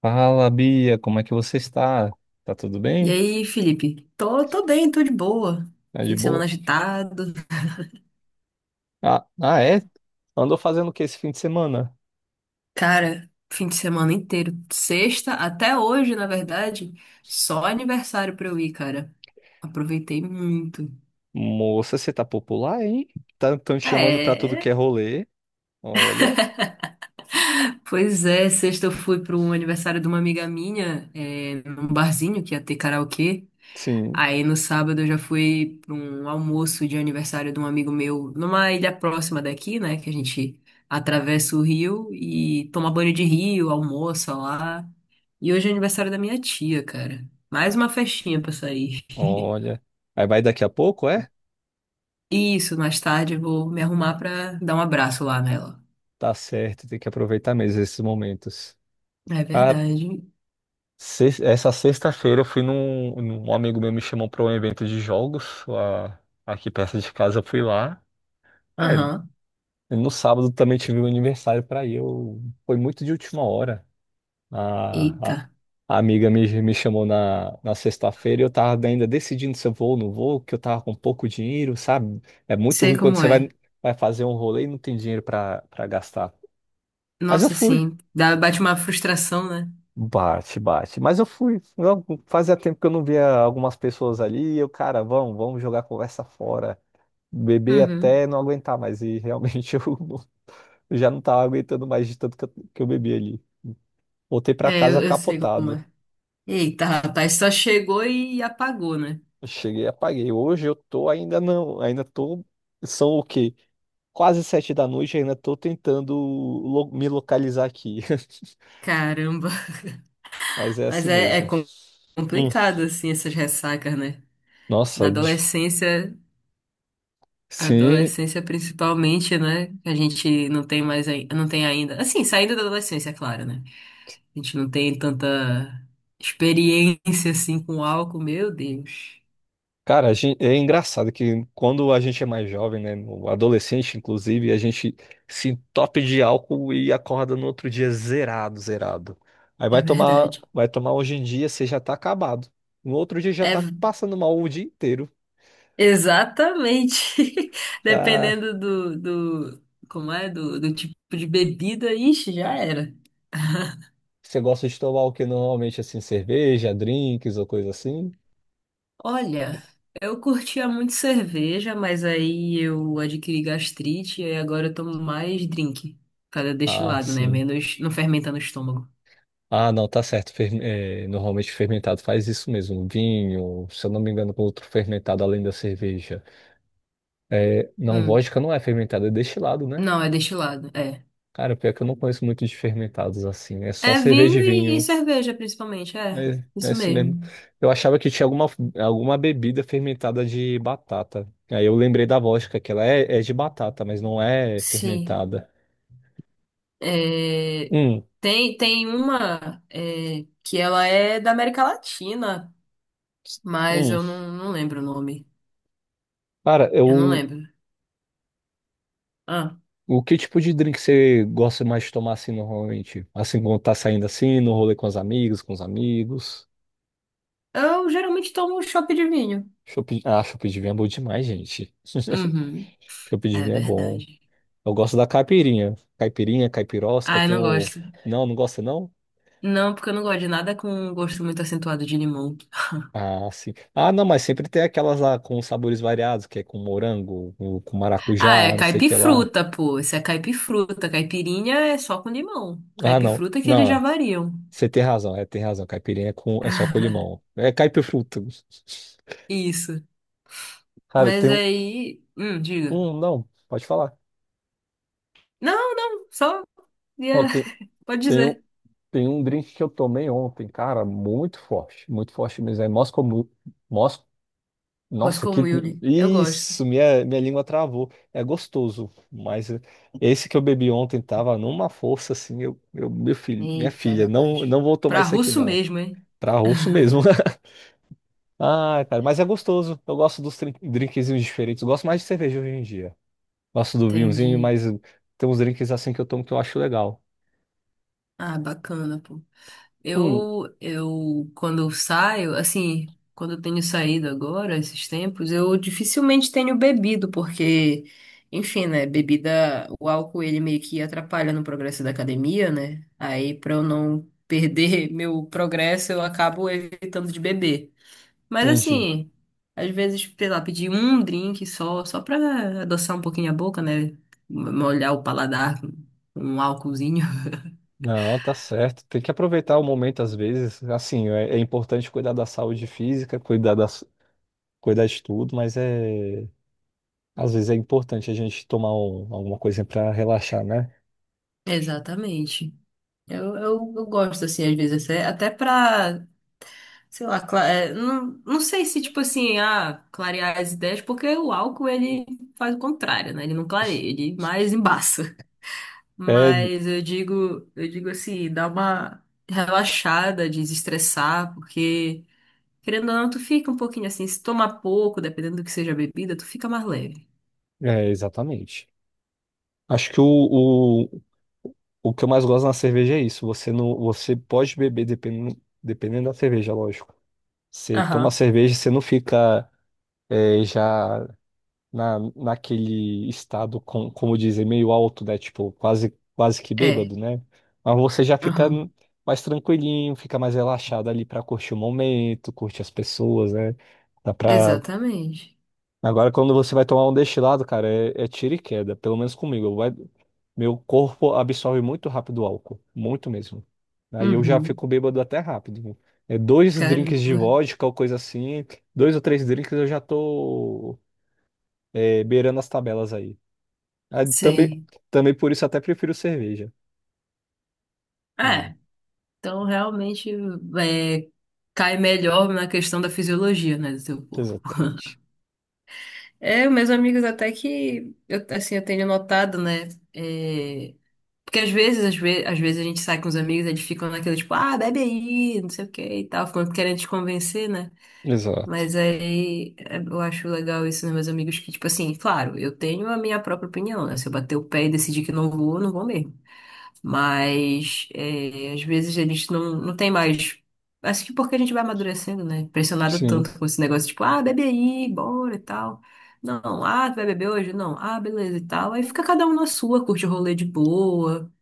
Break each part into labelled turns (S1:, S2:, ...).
S1: Fala, Bia, como é que você está? Tá tudo
S2: E
S1: bem?
S2: aí, Felipe? Tô bem, tô de boa.
S1: Tá
S2: Fim
S1: de
S2: de semana
S1: boa?
S2: agitado.
S1: Ah, é? Andou fazendo o que esse fim de semana?
S2: Cara, fim de semana inteiro. Sexta até hoje, na verdade, só aniversário pra eu ir, cara. Aproveitei muito.
S1: Moça, você tá popular, hein? Tá tão te chamando pra tudo que é
S2: É.
S1: rolê. Olha,
S2: Pois é, sexta eu fui para um aniversário de uma amiga minha, num barzinho que ia ter karaokê.
S1: sim,
S2: Aí no sábado eu já fui para um almoço de aniversário de um amigo meu numa ilha próxima daqui, né? Que a gente atravessa o rio e toma banho de rio, almoça lá. E hoje é aniversário da minha tia, cara. Mais uma festinha pra sair.
S1: olha. Aí vai daqui a pouco, é?
S2: E isso, mais tarde eu vou me arrumar pra dar um abraço lá nela.
S1: Tá certo, tem que aproveitar mesmo esses momentos.
S2: É
S1: Ah,
S2: verdade.
S1: essa sexta-feira eu fui um amigo meu me chamou pra um evento de jogos lá, aqui perto de casa, eu fui lá. Ah, é.
S2: Aham.
S1: No sábado também tive um aniversário para ir. Eu... foi muito de última hora. A,
S2: Eita.
S1: a- a amiga me chamou na sexta-feira e eu tava ainda decidindo se eu vou ou não vou, que eu tava com pouco dinheiro, sabe? É muito
S2: Sei
S1: ruim quando
S2: como
S1: você
S2: é.
S1: vai fazer um rolê e não tem dinheiro para gastar. Mas eu
S2: Nossa,
S1: fui.
S2: sim. Dá, bate uma frustração, né?
S1: Bate, bate. Mas eu fui. Fazia tempo que eu não via algumas pessoas ali. E eu, cara, vamos jogar a conversa fora. Beber
S2: Uhum.
S1: até não aguentar mais. E realmente eu já não tava aguentando mais de tanto que que eu bebi ali. Voltei pra
S2: É,
S1: casa
S2: eu sei como
S1: capotado.
S2: é. Eita, rapaz, só chegou e apagou, né?
S1: Eu Cheguei e apaguei. Hoje eu tô ainda não, ainda tô. São o quê? Quase sete da noite, ainda tô tentando me localizar aqui.
S2: Caramba.
S1: Mas é
S2: Mas
S1: assim
S2: é
S1: mesmo. Hum,
S2: complicado, assim, essas ressacas, né? Na
S1: nossa, de-
S2: adolescência,
S1: sim.
S2: adolescência principalmente, né? A gente não tem mais, não tem ainda. Assim, saindo da adolescência, é claro, né? A gente não tem tanta experiência, assim, com álcool, meu Deus.
S1: Cara, a gente, é engraçado que, quando a gente é mais jovem, né, no adolescente inclusive, a gente se entope de álcool e acorda no outro dia zerado, zerado. Aí
S2: É verdade.
S1: vai tomar hoje em dia, você já tá acabado. No outro dia já
S2: É,
S1: tá passando mal o dia inteiro.
S2: exatamente.
S1: Cara,
S2: Dependendo do, do, como é, do, do tipo de bebida, ixi, já era.
S1: você gosta de tomar o que normalmente, assim, cerveja, drinks ou coisa assim?
S2: Olha, eu curtia muito cerveja, mas aí eu adquiri gastrite e agora eu tomo mais drink. Cada
S1: Ah,
S2: destilado, né?
S1: sim.
S2: Menos, não fermenta no estômago.
S1: Ah, não, tá certo. Normalmente fermentado faz isso mesmo. Vinho, se eu não me engano, com outro fermentado além da cerveja. É, não,
S2: Hum.
S1: vodka não é fermentada, é destilado, né?
S2: Não, é destilado, é.
S1: Cara, pior que eu não conheço muito de fermentados assim. É só
S2: É
S1: cerveja
S2: vinho
S1: e
S2: e
S1: vinho.
S2: cerveja, principalmente, é.
S1: É, é
S2: Isso
S1: isso mesmo.
S2: mesmo.
S1: Eu achava que tinha alguma bebida fermentada de batata. Aí eu lembrei da vodka, que ela é de batata, mas não é
S2: Sim.
S1: fermentada.
S2: É,
S1: Hum,
S2: tem uma que ela é da América Latina, mas
S1: hum.
S2: eu não lembro o nome.
S1: Cara,
S2: Eu não
S1: eu.
S2: lembro. Ah,
S1: O que tipo de drink você gosta mais de tomar assim normalmente? Assim, quando tá saindo assim, no rolê com as amigas, com os amigos?
S2: eu geralmente tomo um chopp de vinho.
S1: Chopp, ah, chopp de vinho é bom demais, gente.
S2: Uhum,
S1: Chopp de
S2: é
S1: vinho é bom.
S2: verdade.
S1: Eu gosto da caipirinha. Caipirinha, caipirosca,
S2: Ah, eu
S1: tem
S2: não
S1: o.
S2: gosto.
S1: Não, não gosta não?
S2: Não, porque eu não gosto de nada com um gosto muito acentuado de limão.
S1: Ah, sim. Ah, não, mas sempre tem aquelas lá com sabores variados, que é com morango, com
S2: Ah,
S1: maracujá,
S2: é
S1: não sei o que lá.
S2: caipifruta, pô. Isso é caipifruta. Caipirinha é só com limão.
S1: Ah, não.
S2: Caipifruta é que eles já
S1: Não,
S2: variam.
S1: você tem razão, é, tem razão. Caipirinha é, com... é só com limão. É caipifruta.
S2: Isso.
S1: Cara,
S2: Mas
S1: tem um.
S2: aí. Diga.
S1: Um, Não, pode falar.
S2: Não, não, só.
S1: Ó,
S2: ia- Pode
S1: tem, um,
S2: dizer.
S1: tem um drink que eu tomei ontem, cara, muito forte mesmo. É Moscow Mule.
S2: Mas
S1: Nossa,
S2: com
S1: que.
S2: Yuli, eu gosto.
S1: Isso, minha língua travou. É gostoso, mas esse que eu bebi ontem tava numa força assim. Meu filho, minha
S2: Eita,
S1: filha, não,
S2: rapaz.
S1: não vou tomar
S2: Pra
S1: isso aqui
S2: russo
S1: não.
S2: mesmo, hein?
S1: Pra russo mesmo. Ah, cara, mas é gostoso. Eu gosto dos drinkzinhos diferentes. Eu gosto mais de cerveja hoje em dia. Gosto do vinhozinho,
S2: Entendi.
S1: mas tem uns drinks assim que eu tomo que eu acho legal.
S2: Ah, bacana, pô.
S1: Hum,
S2: Quando eu saio, assim, quando eu tenho saído agora, esses tempos, eu dificilmente tenho bebido, porque, enfim, né, bebida, o álcool, ele meio que atrapalha no progresso da academia, né? Aí, pra eu não perder meu progresso, eu acabo evitando de beber. Mas,
S1: entendi.
S2: assim, às vezes, sei lá, pedir um drink só pra adoçar um pouquinho a boca, né? Molhar o paladar com um álcoolzinho.
S1: Não, tá certo. Tem que aproveitar o momento às vezes. Assim, é, é importante cuidar da saúde física, cuidar de tudo, mas às vezes é importante a gente tomar alguma coisa para relaxar, né?
S2: Exatamente. Eu gosto, assim, às vezes, até pra, sei lá, é, não sei se, tipo assim, ah, clarear as ideias, porque o álcool, ele faz o contrário, né? Ele não clareia, ele mais embaça.
S1: É,
S2: Mas eu digo assim, dá uma relaxada, desestressar, porque, querendo ou não, tu fica um pouquinho assim, se tomar pouco, dependendo do que seja a bebida, tu fica mais leve.
S1: é, exatamente. Acho que o que eu mais gosto na cerveja é isso. Você não, você pode beber dependendo da cerveja, lógico. Você toma
S2: Aham.
S1: cerveja, você não fica é, já naquele estado, com, como dizem, meio alto, né? Tipo, quase que
S2: É,
S1: bêbado, né? Mas você já fica
S2: aham,
S1: mais tranquilinho, fica mais relaxado ali pra curtir o momento, curtir as pessoas, né? Dá pra...
S2: exatamente.
S1: Agora, quando você vai tomar um destilado, cara, é, é tiro e queda, pelo menos comigo. Meu corpo absorve muito rápido o álcool, muito mesmo. Aí eu já
S2: Uhum,
S1: fico bêbado até rápido. É dois drinks de
S2: caramba,
S1: vodka ou coisa assim, dois ou três drinks eu já tô é, beirando as tabelas aí. Ah, também,
S2: sei.
S1: também por isso até prefiro cerveja. Hum,
S2: É. Então, realmente, é, cai melhor na questão da fisiologia, né, do teu corpo.
S1: exatamente.
S2: É, meus amigos, até que, eu, assim, eu tenho notado, né, é, porque às vezes a gente sai com os amigos, eles ficam naquele, tipo, ah, bebe aí, não sei o que e tal, ficam querendo te convencer, né,
S1: Exato.
S2: mas aí é, eu acho legal isso nos meus amigos, que, tipo assim, claro, eu tenho a minha própria opinião, né, se eu bater o pé e decidir que não vou, eu não vou mesmo. Mas é, às vezes a gente não tem mais. Acho que porque a gente vai amadurecendo, né? Pressionado
S1: Sim,
S2: tanto com esse negócio, tipo, ah, bebe aí, bora e tal. Não, ah, tu vai beber hoje? Não, ah, beleza e tal. Aí fica cada um na sua, curte o rolê de boa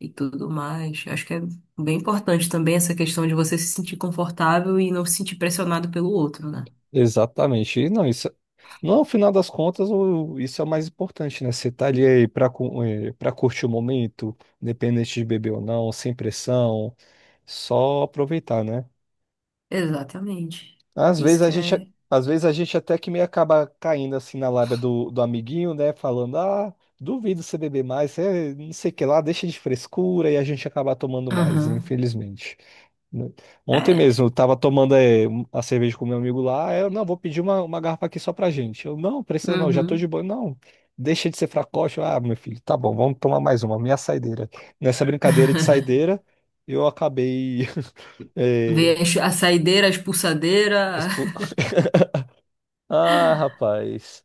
S2: e tudo mais. Acho que é bem importante também essa questão de você se sentir confortável e não se sentir pressionado pelo outro, né?
S1: exatamente. E não, isso, não, no final das contas, isso é o mais importante, né? Você tá ali aí pra, pra curtir o momento, independente de beber ou não, sem pressão, só aproveitar, né?
S2: Exatamente.
S1: Às vezes
S2: Isso
S1: a
S2: que
S1: gente,
S2: é.
S1: às vezes a gente até que meio acaba caindo assim na lábia do amiguinho, né? Falando, ah, duvido você beber mais, eh, não sei o que lá, deixa de frescura e a gente acaba tomando mais,
S2: Aham.
S1: infelizmente, né? Ontem
S2: É.
S1: mesmo, eu tava tomando a cerveja com meu amigo lá. Aí eu, não, vou pedir uma garrafa aqui só pra gente. Eu, não, precisa não, já tô
S2: Uhum.
S1: de boa. Não, deixa de ser fracote. Eu, ah, meu filho, tá bom, vamos tomar mais uma, minha saideira. Nessa brincadeira de saideira, eu acabei. eh,
S2: Ver a saideira, a expulsadeira.
S1: expo- Ah, rapaz,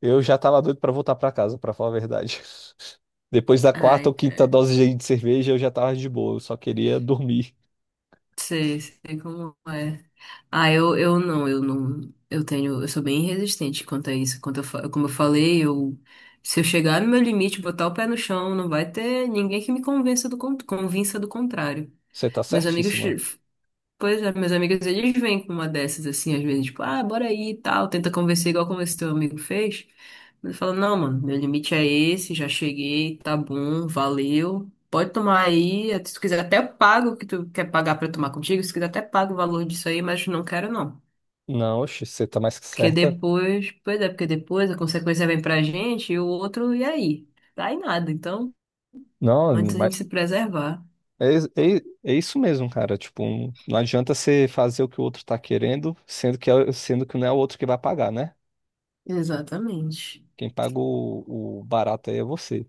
S1: eu já tava doido pra voltar pra casa, pra falar a verdade. Depois da quarta
S2: Ai,
S1: ou quinta
S2: cara.
S1: dose de cerveja, eu já tava de boa, eu só queria dormir.
S2: Sei como é. Ah, eu não. Eu sou bem resistente quanto a isso. Como eu falei, se eu chegar no meu limite, botar o pé no chão, não vai ter ninguém que me convença convença do contrário.
S1: Você tá
S2: Meus amigos
S1: certíssima.
S2: Pois é, meus amigos, eles vêm com uma dessas assim, às vezes, tipo, ah, bora aí e tal, tenta convencer igual como esse teu amigo fez. Mas eu falo, não, mano, meu limite é esse, já cheguei, tá bom, valeu. Pode tomar aí, se tu quiser até eu pago o que tu quer pagar pra tomar contigo, se quiser até pago o valor disso aí, mas não quero não.
S1: Não, oxe, você tá mais que
S2: Porque
S1: certa.
S2: depois, pois é, porque depois a consequência vem pra gente e o outro, e aí? Dá em nada, então,
S1: Não,
S2: antes a gente se preservar.
S1: é, é isso mesmo, cara. Tipo, não adianta você fazer o que o outro tá querendo, sendo que, sendo que não é o outro que vai pagar, né?
S2: Exatamente.
S1: Quem paga o barato aí é você.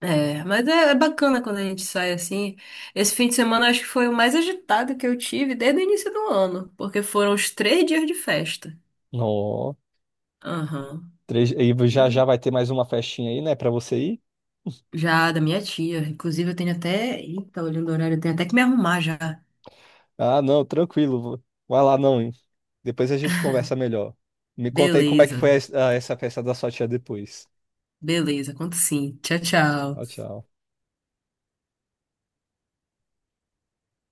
S2: É, mas é bacana quando a gente sai assim. Esse fim de semana acho que foi o mais agitado que eu tive desde o início do ano, porque foram os 3 dias de festa.
S1: Ó,
S2: Aham.
S1: e
S2: Mas
S1: já já vai ter mais uma festinha aí, né, pra você ir?
S2: já da minha tia. Inclusive, eu tenho até. Eita, olhando o horário, eu tenho até que me arrumar já.
S1: Ah, não, tranquilo. Vai lá, não, hein? Depois a gente conversa melhor. Me conta aí como é que
S2: Beleza,
S1: foi essa festa da sua tia depois.
S2: beleza, conto sim. Tchau,
S1: Tchau,
S2: tchau.
S1: tchau.